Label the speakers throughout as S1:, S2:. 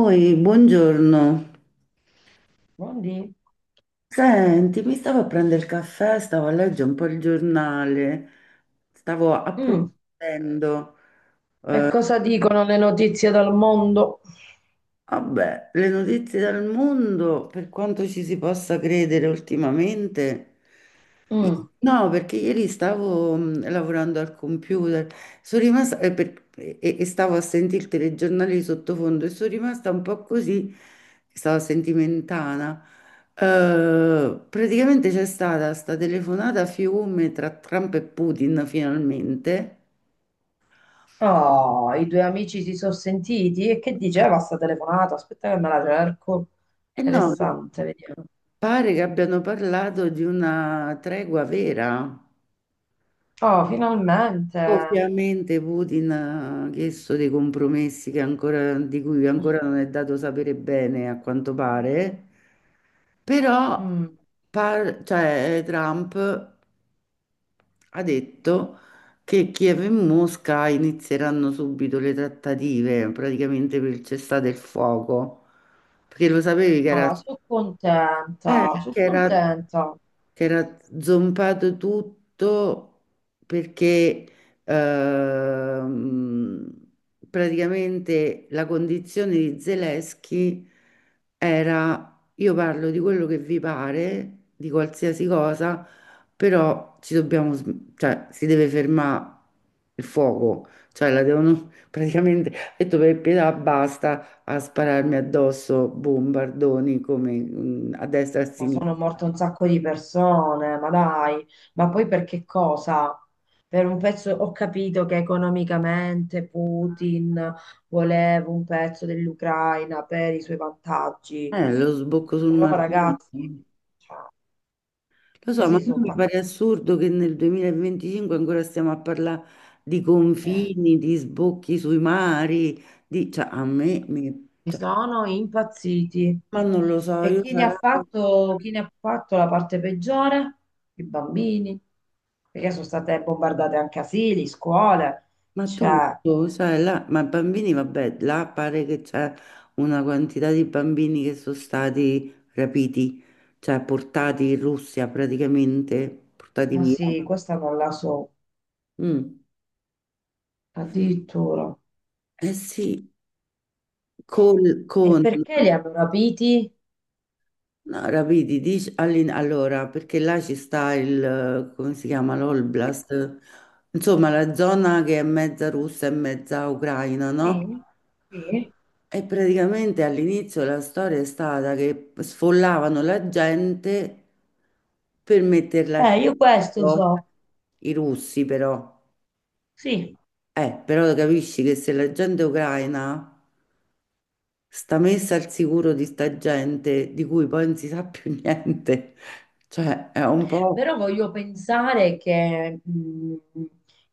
S1: Oi, buongiorno.
S2: Buondì.
S1: Senti, mi stavo a prendere il caffè, stavo a leggere un po' il giornale, stavo
S2: Mm.
S1: approfondendo.
S2: E cosa dicono le notizie dal mondo?
S1: Vabbè, le notizie dal mondo, per quanto ci si possa credere ultimamente, i-
S2: Mm.
S1: no, perché ieri stavo lavorando al computer, sono rimasta, e stavo a sentire il telegiornale di sottofondo e sono rimasta un po' così, stavo sentimentana. Eh, praticamente c'è stata sta telefonata a fiume tra Trump e Putin finalmente.
S2: Oh, i due amici si sono sentiti e che diceva sta telefonata? Aspetta che me la cerco.
S1: E no,
S2: Interessante, vediamo.
S1: pare che abbiano parlato di una tregua vera.
S2: Oh, finalmente.
S1: Ovviamente Putin ha chiesto dei compromessi che di cui ancora non è dato sapere bene, a quanto pare, però
S2: Mm.
S1: cioè, Trump ha detto che Kiev e Mosca inizieranno subito le trattative, praticamente per il cessate il fuoco, perché lo sapevi che era,
S2: Oh, sono contenta, sono
S1: che era
S2: contenta.
S1: che era zompato tutto, perché ehm, praticamente la condizione di Zelensky era: io parlo di quello che vi pare, di qualsiasi cosa, però ci dobbiamo, cioè si deve fermare il fuoco, cioè la devono praticamente, ha detto per pietà basta a spararmi addosso bombardoni come a destra e a
S2: Ma
S1: sinistra.
S2: sono morte un sacco di persone, ma dai, ma poi per che cosa? Per un pezzo ho capito che economicamente Putin voleva un pezzo dell'Ucraina per i suoi vantaggi.
S1: Lo sbocco sul
S2: Però
S1: margine. Lo
S2: ragazzi, cioè,
S1: so, ma
S2: questi
S1: non
S2: sono
S1: mi pare assurdo che nel 2025 ancora stiamo a parlare di
S2: eh,
S1: confini, di sbocchi sui mari, di, cioè, a me,
S2: mi
S1: cioè,
S2: sono impazziti.
S1: ma non lo so,
S2: E
S1: io
S2: chi ne ha
S1: sarà.
S2: fatto, chi ne ha fatto la parte peggiore? I bambini, perché sono state bombardate anche asili, scuole.
S1: Ma
S2: Cioè,
S1: tutto, sai, là, ma bambini, vabbè, là pare che c'è una quantità di bambini che sono stati rapiti, cioè portati in Russia praticamente, portati
S2: ma
S1: via.
S2: sì, questa non la so,
S1: Mm.
S2: addirittura.
S1: Eh sì, col-
S2: E
S1: con
S2: perché li hanno rapiti?
S1: no, rapidi, dici, allora, perché là ci sta il, come si chiama, l'Oblast, insomma la zona che è mezza russa e mezza ucraina, no?
S2: Sì, sì.
S1: E praticamente all'inizio la storia è stata che sfollavano la gente per metterla al
S2: Io questo
S1: centro,
S2: so.
S1: i russi però.
S2: Sì.
S1: Però capisci che se la gente ucraina sta messa al sicuro di sta gente di cui poi non si sa più niente. Cioè, è un po',
S2: Però voglio pensare che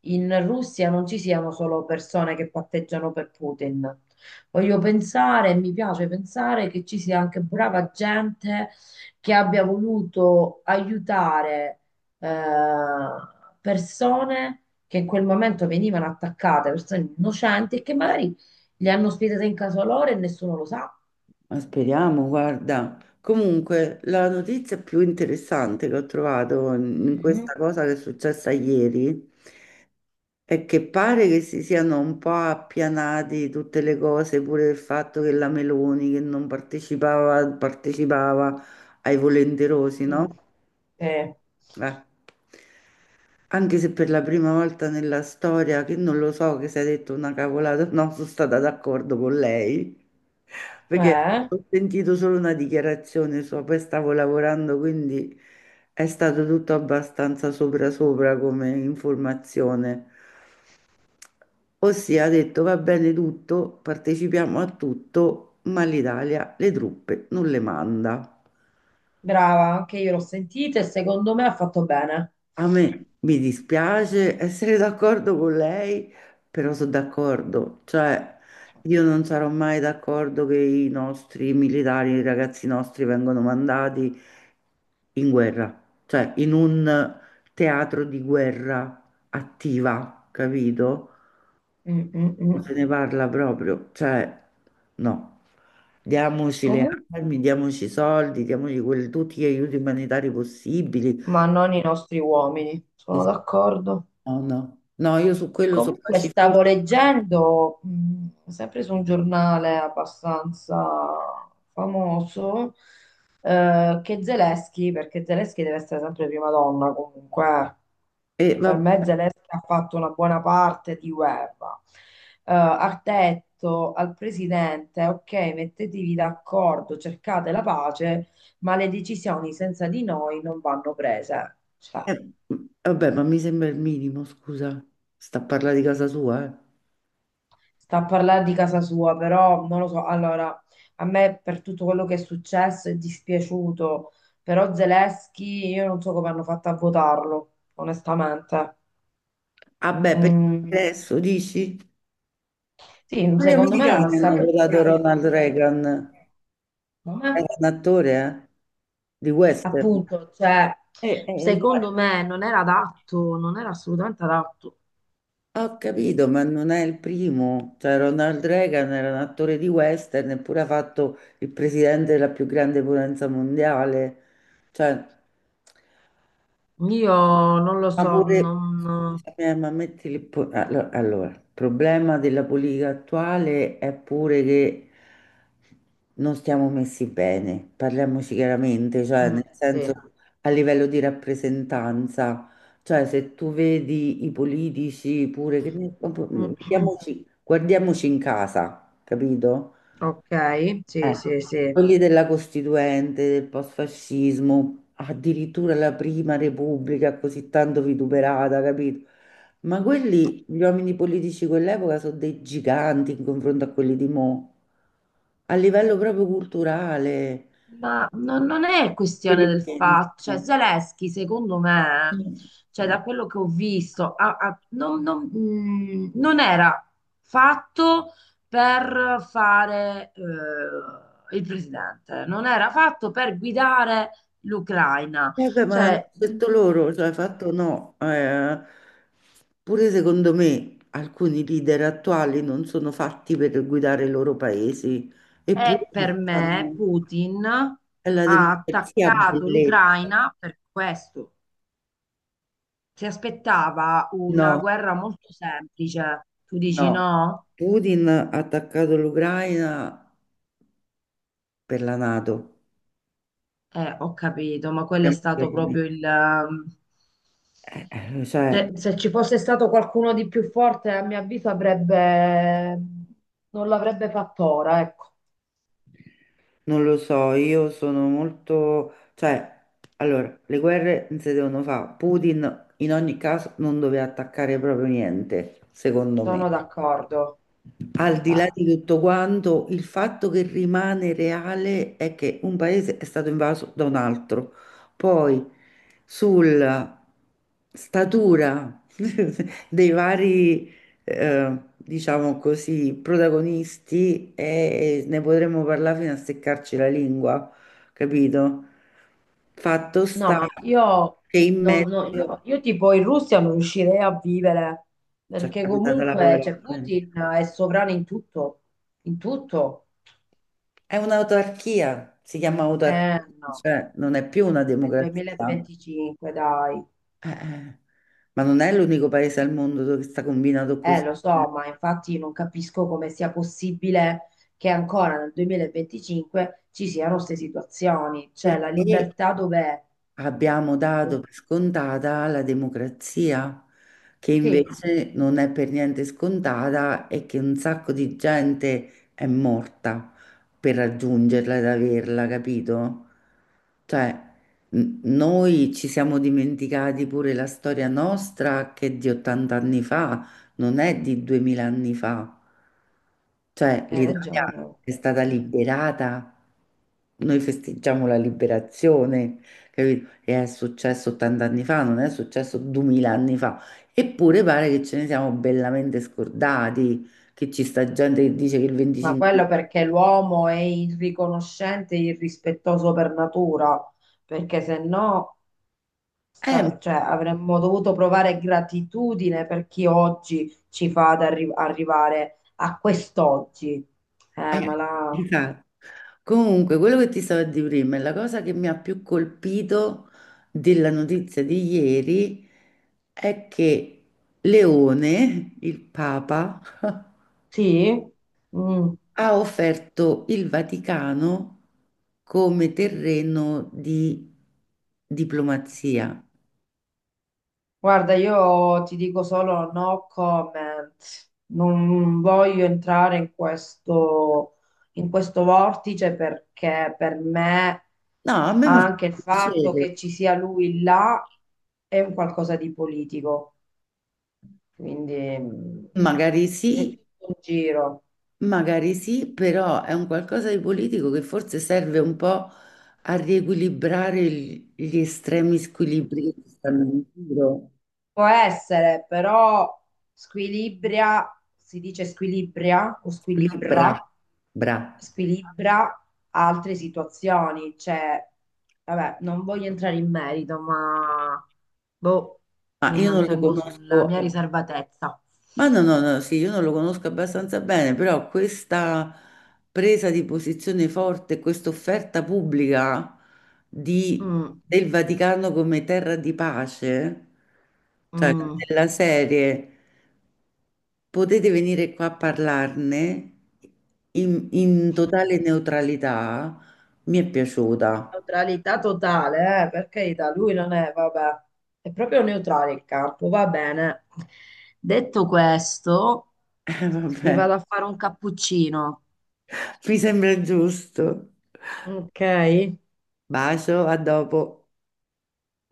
S2: in Russia non ci siano solo persone che patteggiano per Putin. Voglio pensare, mi piace pensare che ci sia anche brava gente che abbia voluto aiutare eh, persone che in quel momento venivano attaccate, persone innocenti, e che magari le hanno ospitate in casa loro e nessuno lo sa.
S1: ma speriamo, guarda. Comunque, la notizia più interessante che ho trovato in
S2: Mm,
S1: questa cosa che è successa ieri è che pare che si siano un po' appianati tutte le cose, pure il fatto che la Meloni che non partecipava, partecipava ai volenterosi, no?
S2: mm, eh,
S1: Eh, Anche se per la prima volta nella storia, che non lo so che si è detto una cavolata, no, sono stata d'accordo con lei, perché ho
S2: eh.
S1: sentito solo una dichiarazione sua, poi stavo lavorando, quindi è stato tutto abbastanza sopra sopra come informazione. Ossia ha detto: va bene tutto, partecipiamo a tutto, ma l'Italia le truppe non le manda.
S2: Brava, anche io l'ho sentita e secondo me ha fatto bene.
S1: A me mi dispiace essere d'accordo con lei, però sono d'accordo, cioè io non sarò mai d'accordo che i nostri militari, i ragazzi nostri vengano mandati in guerra, cioè in un teatro di guerra attiva, capito?
S2: Mm, mm,
S1: Non se
S2: mm.
S1: ne parla proprio, cioè no. Diamoci le
S2: Comun-
S1: armi, diamoci i soldi, diamoci tutti gli aiuti umanitari possibili.
S2: ma non i nostri uomini, sono d'accordo.
S1: No, no, no, io su quello sono
S2: Comunque
S1: pacifista.
S2: stavo leggendo, sempre su un giornale abbastanza famoso, che Zelensky, perché Zelensky deve essere sempre prima donna comunque,
S1: E
S2: e per
S1: vabbè,
S2: me Zelensky ha fatto una buona parte di guerra, ha detto al presidente, ok, mettetevi d'accordo, cercate la pace, ma le decisioni senza di noi non vanno prese. Cioè,
S1: eh, ma mi sembra il minimo, scusa. Sta a parlare di casa sua, eh.
S2: sta a parlare di casa sua, però non lo so. Allora, a me per tutto quello che è successo è dispiaciuto, però Zelensky io non so come hanno fatto a votarlo, onestamente.
S1: Vabbè, per
S2: Mm,
S1: adesso dici?
S2: sì,
S1: Ma gli
S2: secondo me non ha proprio
S1: americani hanno
S2: saputo
S1: votato
S2: bravo
S1: Ronald
S2: gestire la
S1: Reagan.
S2: situazione. Ma,
S1: Era un attore, eh? Di western.
S2: appunto, cioè,
S1: Cioè,
S2: secondo me non era adatto, non era assolutamente adatto.
S1: ho capito, ma non è il primo. Cioè, Ronald Reagan era un attore di western, eppure ha fatto il presidente della più grande potenza mondiale. Cioè.
S2: Io non lo
S1: Ma
S2: so,
S1: pure,
S2: non...
S1: scusami, ma metti allora, il problema della politica attuale è pure che non stiamo messi bene, parliamoci chiaramente, cioè
S2: Mm,
S1: nel
S2: sì.
S1: senso a livello di rappresentanza, cioè se tu vedi i politici pure, proprio, guardiamoci in casa, capito?
S2: Ok, sì,
S1: Eh,
S2: sì, sì.
S1: Quelli della Costituente, del post-fascismo, addirittura la prima Repubblica così tanto vituperata, capito? Ma quelli, gli uomini politici di quell'epoca sono dei giganti in confronto a quelli di mo', a livello proprio culturale,
S2: Ma non è
S1: per
S2: questione
S1: il
S2: del fatto,
S1: senso.
S2: cioè Zelensky secondo me, cioè da quello che ho visto, non era fatto per fare il presidente, non era fatto per guidare l'Ucraina,
S1: Eh beh, ma l'hanno
S2: cioè
S1: detto loro, cioè fatto no, pure secondo me alcuni leader attuali non sono fatti per guidare i loro paesi, eppure
S2: è
S1: si
S2: per me
S1: fanno.
S2: Putin
S1: È la
S2: ha
S1: democrazia
S2: attaccato
S1: bellezza.
S2: l'Ucraina per questo, si aspettava una
S1: No,
S2: guerra molto semplice, tu dici
S1: no.
S2: no?
S1: Putin ha attaccato l'Ucraina per la NATO.
S2: Ho capito, ma quello è
S1: Siamo
S2: stato
S1: chiari.
S2: proprio
S1: Cioè,
S2: cioè, se ci fosse stato qualcuno di più forte, a mio avviso avrebbe... non l'avrebbe fatto ora, ecco,
S1: non lo so, io sono molto, cioè, allora, le guerre non si devono fare. Putin in ogni caso non doveva attaccare proprio niente, secondo me.
S2: sono d'accordo.
S1: Al di
S2: Cioè,
S1: là di tutto quanto, il fatto che rimane reale è che un paese è stato invaso da un altro. Poi sulla statura dei vari, diciamo così, protagonisti, ne potremmo parlare fino a seccarci la lingua, capito? Fatto
S2: no,
S1: sta
S2: ma io,
S1: che in
S2: no, io,
S1: mezzo
S2: io tipo in Russia non riuscirei a vivere,
S1: ci è
S2: perché
S1: capitata la
S2: comunque
S1: povera
S2: cioè,
S1: gente.
S2: Putin è sovrano in tutto, in tutto.
S1: È un'autarchia, si chiama
S2: Eh
S1: autarchia,
S2: no,
S1: cioè non è più una
S2: nel
S1: democrazia.
S2: 2025, dai.
S1: Eh, eh. Ma non è l'unico paese al mondo dove sta combinato così.
S2: Lo so, ma infatti non capisco come sia possibile che ancora nel 2025 ci siano queste situazioni. Cioè, la
S1: Perché
S2: libertà dov'è?
S1: abbiamo
S2: Mm,
S1: dato per scontata la democrazia, che
S2: sì,
S1: invece non è per niente scontata e che un sacco di gente è morta per raggiungerla ed averla, capito? Cioè, noi ci siamo dimenticati pure la storia nostra che è di 80 anni fa, non è di 2000 anni fa. Cioè,
S2: hai
S1: l'Italia
S2: ragione, oh.
S1: è stata liberata, noi festeggiamo la liberazione, capito? Che è successo 80 anni fa, non è successo 2000 anni fa, eppure pare che ce ne siamo bellamente scordati, che ci sta gente che dice che il
S2: Ma
S1: 25.
S2: quello perché l'uomo è irriconoscente e irrispettoso per natura, perché se no,
S1: Eh, ma-
S2: cioè, avremmo dovuto provare gratitudine per chi oggi ci fa ad arrivare a quest'oggi. Ma
S1: eh,
S2: la...
S1: esatto. Comunque, quello che ti stavo a dire prima è la cosa che mi ha più colpito della notizia di ieri è che Leone, il Papa,
S2: Sì? Mm.
S1: ha offerto il Vaticano come terreno di diplomazia.
S2: Guarda, io ti dico solo no comment, non voglio entrare in questo vortice perché per me
S1: No, a me fa
S2: anche il fatto
S1: piacere.
S2: che ci sia lui là è un qualcosa di politico, quindi mm,
S1: Magari
S2: c'è
S1: sì,
S2: tutto un giro.
S1: magari sì, però è un qualcosa di politico che forse serve un po' a riequilibrare gli estremi squilibri che ci stanno in giro.
S2: Può essere, però squilibria, si dice squilibria o
S1: Squilibra,
S2: squilibra,
S1: bra.
S2: squilibra altre situazioni. Cioè, vabbè, non voglio entrare in merito, ma boh,
S1: Ma
S2: mi
S1: io non lo
S2: mantengo sulla
S1: conosco.
S2: mia riservatezza.
S1: Ma no, no, no, sì, io non lo conosco abbastanza bene, però questa presa di posizione forte, questa offerta pubblica di-
S2: Mm,
S1: del Vaticano come terra di pace, cioè
S2: mm.
S1: della serie, potete venire qua a parlarne in totale neutralità, mi è piaciuta.
S2: Neutralità totale, per carità, lui non è, vabbè, è proprio neutrale il campo, va bene. Detto questo, mi
S1: Vabbè,
S2: vado a fare un cappuccino,
S1: mi sembra giusto.
S2: ok?
S1: Bacio, a dopo.